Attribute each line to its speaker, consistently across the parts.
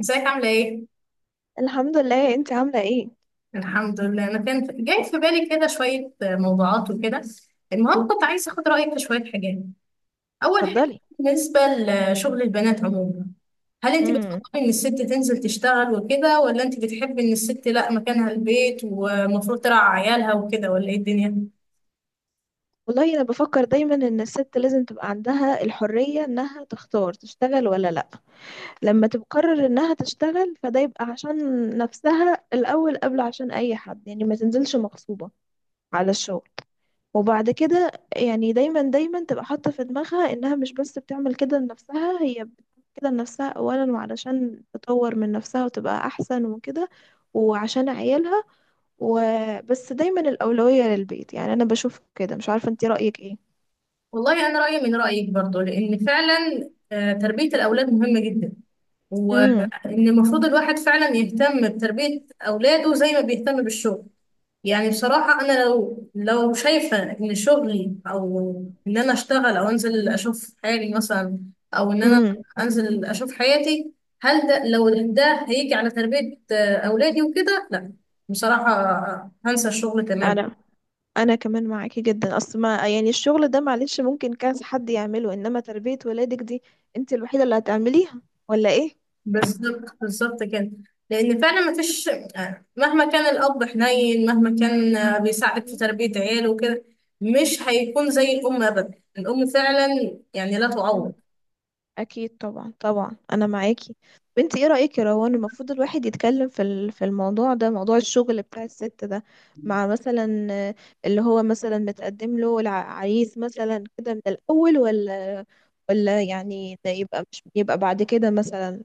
Speaker 1: ازيك عاملة ايه؟
Speaker 2: الحمد لله، انت عاملة ايه؟
Speaker 1: الحمد لله. انا جاي في بالي كده شوية موضوعات وكده. المهم كنت عايزة اخد رأيك في شوية حاجات. اول حاجة،
Speaker 2: اتفضلي.
Speaker 1: بالنسبة لشغل البنات عموما، هل انت
Speaker 2: امم
Speaker 1: بتفضلي ان الست تنزل تشتغل وكده، ولا انت بتحبي ان الست لا مكانها البيت ومفروض ترعى عيالها وكده، ولا ايه الدنيا؟
Speaker 2: والله انا بفكر دايما ان الست لازم تبقى عندها الحرية انها تختار تشتغل ولا لا. لما تقرر انها تشتغل فده يبقى عشان نفسها الاول قبل عشان اي حد، يعني ما تنزلش مغصوبة على الشغل. وبعد كده يعني دايما دايما تبقى حاطة في دماغها انها مش بس بتعمل كده لنفسها، هي بتعمل كده لنفسها اولا وعلشان تطور من نفسها وتبقى احسن وكده، وعشان عيالها. وبس دايما الأولوية للبيت، يعني أنا بشوف كده، مش عارفة أنت رأيك إيه.
Speaker 1: والله انا رأيي من رأيك برضو، لان فعلا تربية الاولاد مهمة جدا. وان
Speaker 2: امم.
Speaker 1: المفروض الواحد فعلا يهتم بتربية اولاده زي ما بيهتم بالشغل. يعني بصراحة أنا لو شايفة إن شغلي أو إن أنا أشتغل أو أنزل أشوف حالي مثلا، أو إن أنا
Speaker 2: امم.
Speaker 1: أنزل أشوف حياتي، هل ده، لو ده هيجي على تربية أولادي وكده، لا، بصراحة هنسى الشغل تماما.
Speaker 2: أنا أنا كمان معاكي جدا، أصل ما يعني الشغل ده معلش ممكن كذا حد يعمله، إنما تربية ولادك دي أنت الوحيدة اللي هتعمليها، ولا إيه؟
Speaker 1: بالظبط، بالظبط كده. لأن فعلا مفيش، مهما كان الأب حنين، مهما كان بيساعد في تربية عياله وكده، مش هيكون زي الأم أبدا. الأم فعلا يعني لا تعوض.
Speaker 2: مم. اكيد طبعا طبعا، انا معاكي. بنتي، ايه رايك يا روان؟ المفروض الواحد يتكلم في الموضوع ده، موضوع الشغل بتاع الست ده، مع مثلا اللي هو مثلا متقدم له العريس مثلا كده من الاول، ولا يعني ده يبقى مش يبقى بعد كده مثلا.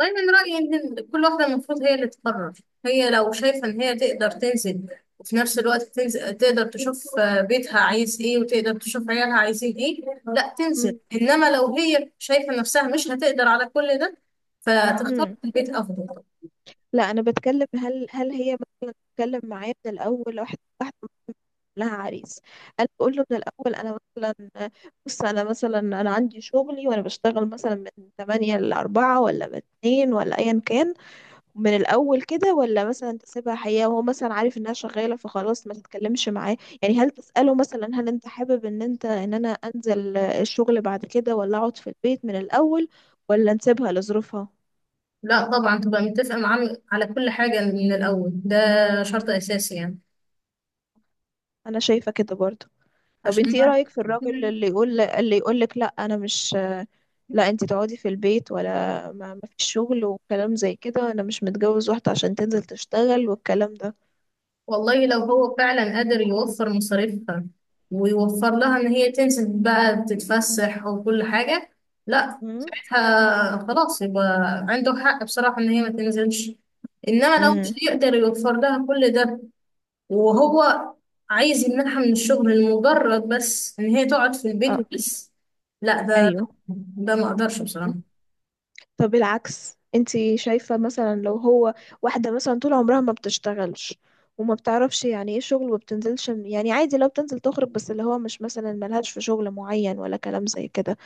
Speaker 1: والله من رأيي إن كل واحدة المفروض هي اللي تقرر. هي لو شايفة إن هي تقدر تنزل، وفي نفس الوقت تنزل تقدر تشوف بيتها عايز إيه، وتقدر تشوف عيالها عايزين إيه، لا تنزل.
Speaker 2: مم.
Speaker 1: إنما لو هي شايفة نفسها مش هتقدر على كل ده، فتختار
Speaker 2: مم.
Speaker 1: البيت أفضل.
Speaker 2: لا، انا بتكلم، هل هي بتتكلم معاه من الاول واحده واحده. لها عريس، انا بقول له من الاول انا مثلا، بص انا مثلا انا عندي شغلي، وانا بشتغل مثلا من 8 ل 4 ولا من 2 ولا ايا كان، من الاول كده، ولا مثلا تسيبها حياه وهو مثلا عارف انها شغاله فخلاص ما تتكلمش معاه. يعني هل تساله مثلا هل انت حابب ان انا انزل الشغل بعد كده ولا اقعد في البيت من الاول، ولا نسيبها لظروفها.
Speaker 1: لا طبعا، تبقى متفقة معاه على كل حاجة من الأول. ده شرط أساسي يعني.
Speaker 2: انا شايفه كده برضه. طب
Speaker 1: عشان،
Speaker 2: انت ايه رايك في الراجل اللي يقول لك لا انا مش لا انت تقعدي في البيت، ولا ما فيش شغل وكلام زي كده، انا مش متجوز واحدة عشان تنزل تشتغل والكلام ده.
Speaker 1: والله لو هو فعلا قادر يوفر مصاريفها، ويوفر لها ان هي تنزل بقى تتفسح وكل حاجة، لا،
Speaker 2: مم.
Speaker 1: ساعتها خلاص يبقى عنده حق بصراحة ان هي ما تنزلش. انما لو مش
Speaker 2: امم.
Speaker 1: يقدر يوفر لها كل ده، وهو عايز يمنعها من الشغل لمجرد بس ان هي تقعد في البيت
Speaker 2: اه.
Speaker 1: وبس، لا
Speaker 2: ايوه.
Speaker 1: ده ما اقدرش بصراحة.
Speaker 2: طب العكس، انت شايفة مثلا لو هو، واحدة مثلا طول عمرها ما بتشتغلش، وما بتعرفش يعني ايه شغل، وما بتنزلش، يعني عادي، لو بتنزل تخرج بس اللي هو مش مثلا ملهاش في شغل معين ولا كلام زي كده،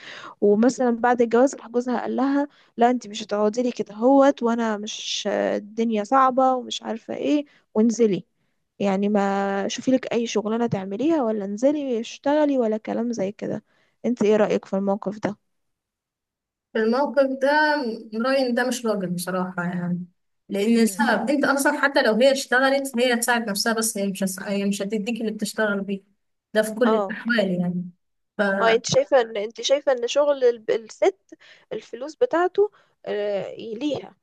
Speaker 2: ومثلا بعد الجواز راح جوزها قال لها لا انت مش هتقعدي لي كده هوت، وانا مش، الدنيا صعبة ومش عارفة ايه، وانزلي، يعني ما شوفي لك اي شغلانة تعمليها، ولا انزلي اشتغلي ولا كلام زي كده. انت ايه رأيك في الموقف ده؟
Speaker 1: في الموقف ده، رأيي إن ده مش راجل بصراحة يعني. لأن
Speaker 2: امم
Speaker 1: السبب أنت أصلا، حتى لو هي اشتغلت هي هتساعد نفسها، بس هي مش هس- هي مش هتديك اللي بتشتغل بيه. ده في كل
Speaker 2: اه،
Speaker 1: الأحوال يعني.
Speaker 2: اه، انت شايفه ان شغل الست، الفلوس بتاعته ليها،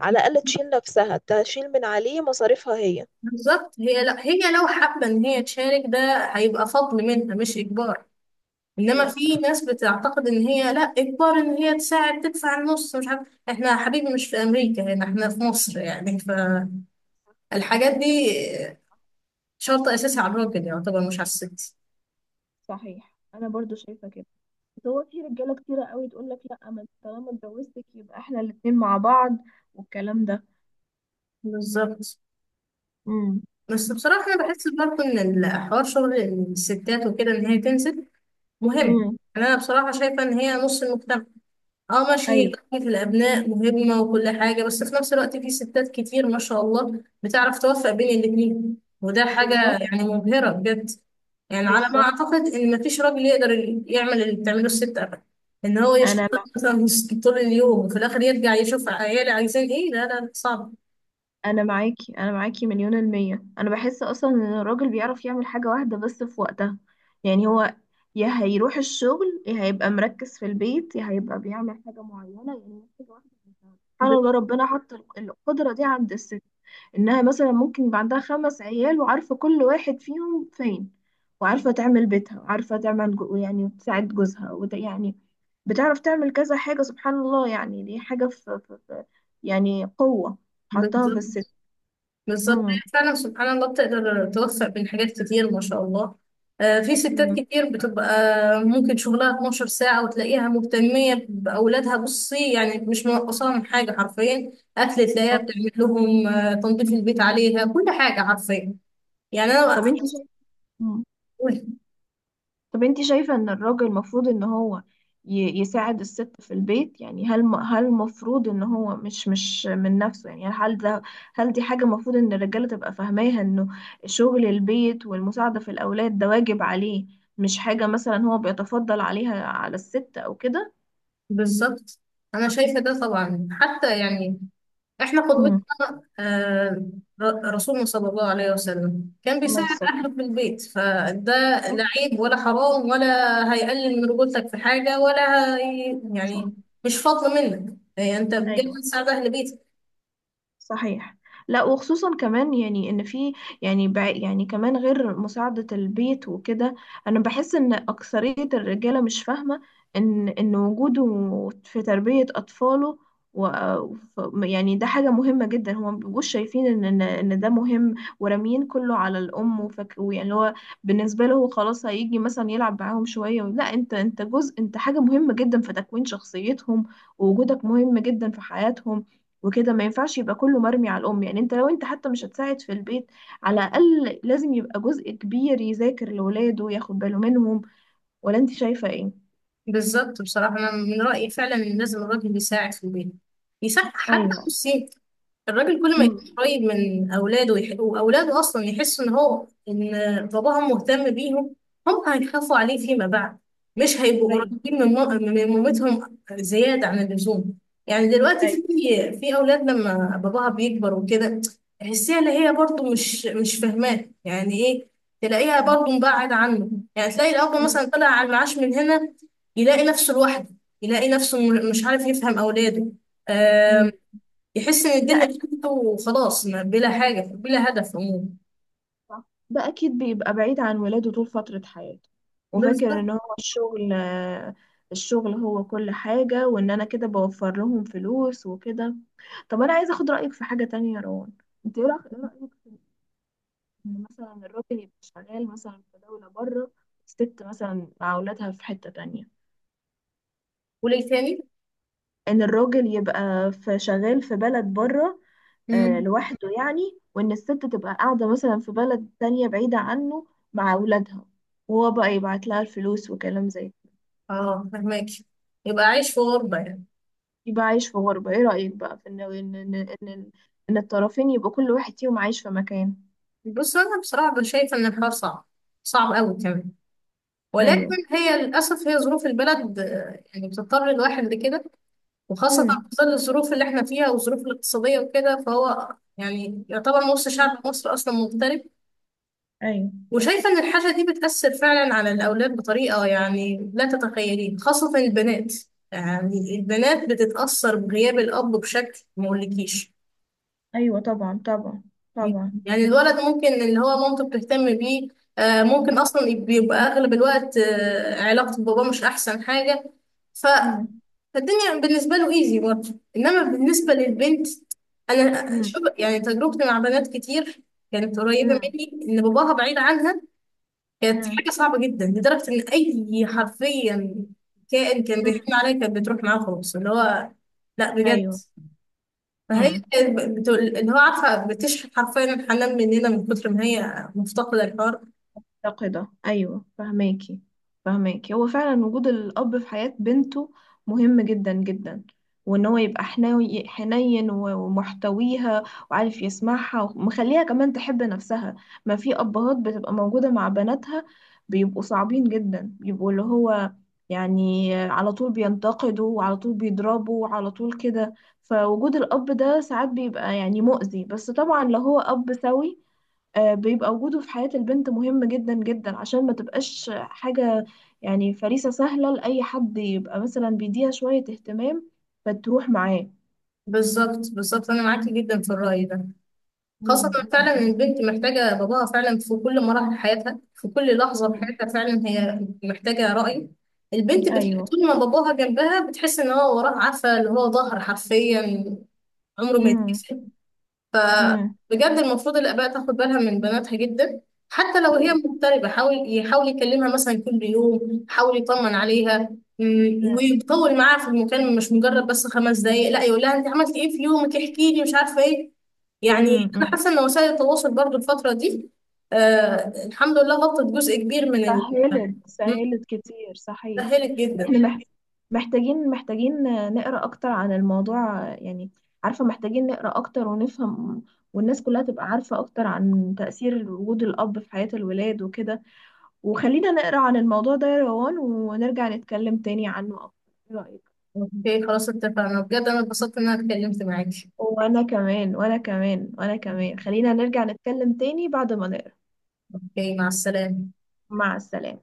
Speaker 2: على الاقل تشيل نفسها، تشيل من عليه مصاريفها هي.
Speaker 1: فبالظبط، هي لا، هي لو حابة إن هي تشارك، ده هيبقى فضل منها، مش إجبار. إنما
Speaker 2: ايوه،
Speaker 1: في
Speaker 2: صح.
Speaker 1: ناس بتعتقد إن هي لا، إجبار إن هي تساعد تدفع النص. مش عارف، إحنا يا حبيبي مش في أمريكا، هنا إحنا في مصر يعني.
Speaker 2: صح.
Speaker 1: فالحاجات دي شرط أساسي على الراجل يعتبر، مش على الست.
Speaker 2: صحيح، انا برضو شايفة كده. بس هو في رجاله كتيره قوي تقول لك لا، ما انت طالما اتجوزتك يبقى احنا الاتنين مع بعض والكلام ده.
Speaker 1: بالظبط.
Speaker 2: امم.
Speaker 1: بس بصراحة أنا بحس برضه إن الحوار، شغل الستات وكده، إن هي تنزل، مهم.
Speaker 2: امم.
Speaker 1: يعني أنا بصراحة شايفة إن هي نص المجتمع. أه ماشي، هي
Speaker 2: ايوه.
Speaker 1: كافة الأبناء مهمة وكل حاجة، بس في نفس الوقت في ستات كتير ما شاء الله بتعرف توفق بين الاتنين، وده حاجة
Speaker 2: بالظبط.
Speaker 1: يعني مبهرة بجد. يعني على ما
Speaker 2: بالظبط.
Speaker 1: أعتقد إن مفيش راجل يقدر يعمل اللي بتعمله الست أبدا. إن هو
Speaker 2: انا
Speaker 1: يشتغل مثلا طول اليوم، وفي الآخر يرجع يشوف عياله عايزين إيه، لا لا، صعب.
Speaker 2: انا معاكي، انا معاكي مليون المية. انا بحس اصلا ان الراجل بيعرف يعمل حاجة واحدة بس في وقتها، يعني هو يا هيروح الشغل يا هيبقى مركز في البيت يا هيبقى بيعمل حاجة معينة، يعني حاجة واحدة بس. سبحان الله، ربنا حط القدرة دي عند الست، انها مثلا ممكن يبقى عندها خمس عيال وعارفة كل واحد فيهم فين، وعارفة تعمل بيتها، وعارفة تعمل يعني، وتساعد جوزها، يعني بتعرف تعمل كذا حاجة. سبحان الله، يعني دي حاجة في يعني قوة حطها في
Speaker 1: بالظبط،
Speaker 2: الست.
Speaker 1: بالظبط.
Speaker 2: امم.
Speaker 1: هي فعلا سبحان الله بتقدر توفق بين حاجات كتير ما شاء الله. في ستات
Speaker 2: مم.
Speaker 1: كتير بتبقى ممكن شغلها 12 ساعة، وتلاقيها مهتمية بأولادها. بصي يعني مش
Speaker 2: مم.
Speaker 1: منقصاها من حاجة حرفيا. أكل تلاقيها
Speaker 2: أيوة.
Speaker 1: بتعمل لهم، تنظيف البيت عليها، كل حاجة حرفيا. يعني
Speaker 2: طب
Speaker 1: أنا،
Speaker 2: انت شايفة، طب انت شايفة ان الراجل المفروض ان هو يساعد الست في البيت، يعني هل المفروض ان هو مش من نفسه، يعني هل دي حاجة المفروض ان الرجالة تبقى فاهماها، انه شغل البيت والمساعدة في الاولاد ده واجب عليه، مش حاجة مثلا هو بيتفضل عليها، على الست او كده.
Speaker 1: بالظبط. أنا شايفة ده طبعا، حتى يعني احنا
Speaker 2: امم.
Speaker 1: قدوتنا آه، رسولنا صلى الله عليه وسلم كان
Speaker 2: الله
Speaker 1: بيساعد
Speaker 2: يستر.
Speaker 1: اهله في البيت. فده لا عيب ولا حرام، ولا هيقلل من رجولتك في حاجه ولا هي
Speaker 2: صح.
Speaker 1: يعني. مش فضل منك يعني، انت بجد
Speaker 2: ايوه.
Speaker 1: بتساعد اهل بيتك.
Speaker 2: صحيح. لا، وخصوصا كمان، يعني ان في، يعني كمان، غير مساعدة البيت وكده، انا بحس ان اكثرية الرجالة مش فاهمة ان وجوده في تربية اطفاله، و يعني ده حاجة مهمة جدا، هما مبيبقوش شايفين ان ان إن ده مهم، وراميين كله على الام، وفك ويعني اللي هو، بالنسبة له هو خلاص هيجي مثلا يلعب معاهم شوية. لا، انت جزء، انت حاجة مهمة جدا في تكوين شخصيتهم، ووجودك مهم جدا في حياتهم وكده، ما ينفعش يبقى كله مرمي على الأم، يعني انت لو انت حتى مش هتساعد في البيت، على الأقل لازم يبقى جزء كبير يذاكر لولاده وياخد باله منهم، ولا انت شايفة ايه؟
Speaker 1: بالظبط. بصراحه انا من رايي فعلا ان لازم الراجل يساعد في البيت، يساعد حتى
Speaker 2: ايوه.
Speaker 1: نص ساعة. الراجل كل ما يكون
Speaker 2: مم.
Speaker 1: قريب من اولاده واولاده اصلا يحسوا ان هو ان باباهم مهتم بيهم، هم هيخافوا عليه فيما بعد. مش هيبقوا
Speaker 2: ايوه.
Speaker 1: قريبين من من مامتهم زياده عن اللزوم. يعني دلوقتي
Speaker 2: ايوه.
Speaker 1: في اولاد لما باباها بيكبر وكده، تحسيها اللي هي برضو مش فاهماه يعني ايه. تلاقيها
Speaker 2: اه.
Speaker 1: برضو مبعد عنه. يعني تلاقي الاب
Speaker 2: مم.
Speaker 1: مثلا طلع على المعاش من هنا، يلاقي نفسه لوحده، يلاقي نفسه مش عارف يفهم اولاده.
Speaker 2: مم.
Speaker 1: يحس ان
Speaker 2: ده
Speaker 1: الدنيا
Speaker 2: أكيد،
Speaker 1: خفيفه وخلاص، بلا حاجه بلا هدف عموما.
Speaker 2: ده أكيد بيبقى بعيد عن ولاده طول فترة حياته، وفاكر
Speaker 1: بالظبط.
Speaker 2: إن هو الشغل هو كل حاجة، وإن أنا كده بوفر لهم فلوس وكده. طب أنا عايزة أخد رأيك في حاجة تانية يا روان. أنت إيه رأيك إن مثلا الراجل يبقى شغال مثلا في دولة بره، الست مثلا مع أولادها في حتة تانية،
Speaker 1: وليه تاني؟
Speaker 2: إن الراجل يبقى في شغال في بلد بره
Speaker 1: امم.
Speaker 2: لوحده يعني، وإن الست تبقى قاعدة مثلا في بلد تانية بعيدة عنه مع أولادها، وهو بقى يبعت لها الفلوس وكلام زي كده،
Speaker 1: اه، فهماك، يبقى عايش في غربه يعني.
Speaker 2: يبقى عايش في غربة. إيه رأيك بقى في إن, إن الطرفين يبقوا كل واحد فيهم عايش في مكان؟
Speaker 1: بص انا بصراحه شايفه ان الحوار صعب، صعب قوي كمان. ولكن
Speaker 2: أيوه.
Speaker 1: هي للاسف هي ظروف البلد، يعني بتضطر الواحد لكده. وخاصه
Speaker 2: مم.
Speaker 1: في ظل الظروف اللي احنا فيها، والظروف الاقتصاديه وكده، فهو يعني يعتبر نص شعب مصر اصلا مغترب.
Speaker 2: أيوه.
Speaker 1: وشايفة إن الحاجة دي بتأثر فعلا على الأولاد بطريقة يعني لا تتخيلين، خاصة البنات. يعني البنات بتتأثر بغياب الأب بشكل ما أقولكيش.
Speaker 2: أيوه. طبعا طبعا طبعا.
Speaker 1: يعني الولد ممكن اللي هو مامته بتهتم بيه، ممكن أصلا بيبقى أغلب الوقت علاقته بباباه مش أحسن حاجة. ف-
Speaker 2: مم.
Speaker 1: فالدنيا بالنسبة له إيزي برضه، إنما بالنسبة للبنت، أنا
Speaker 2: مم.
Speaker 1: شوف يعني تجربتي مع بنات كتير كانت قريبة
Speaker 2: مم.
Speaker 1: مني إن باباها بعيد عنها، كانت
Speaker 2: مم.
Speaker 1: حاجة صعبة جدا، لدرجة إن أي حرفيا كائن كان
Speaker 2: مم.
Speaker 1: بيحكم عليا كانت بتروح معاه خالص. اللي هو، لا بجد.
Speaker 2: ايوه.
Speaker 1: فهي
Speaker 2: امم
Speaker 1: كانت بتقول اللي هو، عارفة بتشحن حرفيا الحنان مننا، من كتر ما هي مفتقدة الحوار.
Speaker 2: مفتقده، ايوه فهماكي، فهماكي. هو فعلا وجود الاب في حياه بنته مهم جدا جدا، وان هو يبقى حناوي حنين و- ومحتويها، وعارف يسمعها، ومخليها كمان تحب نفسها. ما في ابهات بتبقى موجوده مع بناتها بيبقوا صعبين جدا، بيبقوا اللي هو يعني على طول بينتقدوا، وعلى طول بيضربوا، وعلى طول كده، فوجود الاب ده ساعات بيبقى يعني مؤذي، بس طبعا لو هو اب سوي بيبقى وجوده في حياة البنت مهم جدا جدا، عشان ما تبقاش حاجة، يعني فريسة سهلة لأي حد يبقى مثلا بيديها شوية اهتمام فتروح معاه.
Speaker 1: بالظبط، بالظبط. أنا معاكي جدا في الرأي ده، خاصة
Speaker 2: مم.
Speaker 1: فعلا إن
Speaker 2: مم.
Speaker 1: البنت محتاجة باباها فعلا في كل مراحل حياتها، في كل لحظة في
Speaker 2: مم.
Speaker 1: حياتها فعلا هي محتاجة رأي.
Speaker 2: ايوه.
Speaker 1: طول ما باباها جنبها بتحس إن هو وراها، عارفة اللي هو، ظهر حرفيا عمره ما
Speaker 2: مم.
Speaker 1: يتكسر.
Speaker 2: أيوه. مم. مم.
Speaker 1: فبجد المفروض الآباء تاخد بالها من بناتها جدا. حتى لو هي مغتربة، حاول، يحاول يكلمها مثلا كل يوم، حاول يطمن عليها، مم، ويطول معاها في المكالمة، مش مجرد بس 5 دقايق. لا، يقول لها انت عملتي ايه في يومك، احكي لي، مش عارفة ايه.
Speaker 2: مم.
Speaker 1: يعني انا
Speaker 2: مم.
Speaker 1: حاسة ان وسائل التواصل برضو الفترة دي، آه الحمد لله غطت جزء كبير من
Speaker 2: سهلت،
Speaker 1: مم،
Speaker 2: سهلت كتير، صحيح.
Speaker 1: سهلت
Speaker 2: احنا
Speaker 1: جدا.
Speaker 2: مم. محتاجين نقرا اكتر عن الموضوع، يعني عارفه محتاجين نقرا اكتر ونفهم، والناس كلها تبقى عارفه اكتر عن تاثير وجود الاب في حياه الولاد وكده. وخلينا نقرا عن الموضوع ده يا روان، ونرجع نتكلم تاني عنه اكتر. ايه رايك؟
Speaker 1: اوكي خلاص، اتفقنا. بجد انا اتبسطت ان انا اتكلمت معاكي.
Speaker 2: وانا كمان، وانا كمان، وانا كمان، خلينا نرجع نتكلم تاني بعد ما نقرا.
Speaker 1: اوكي، مع السلامة.
Speaker 2: مع السلامه.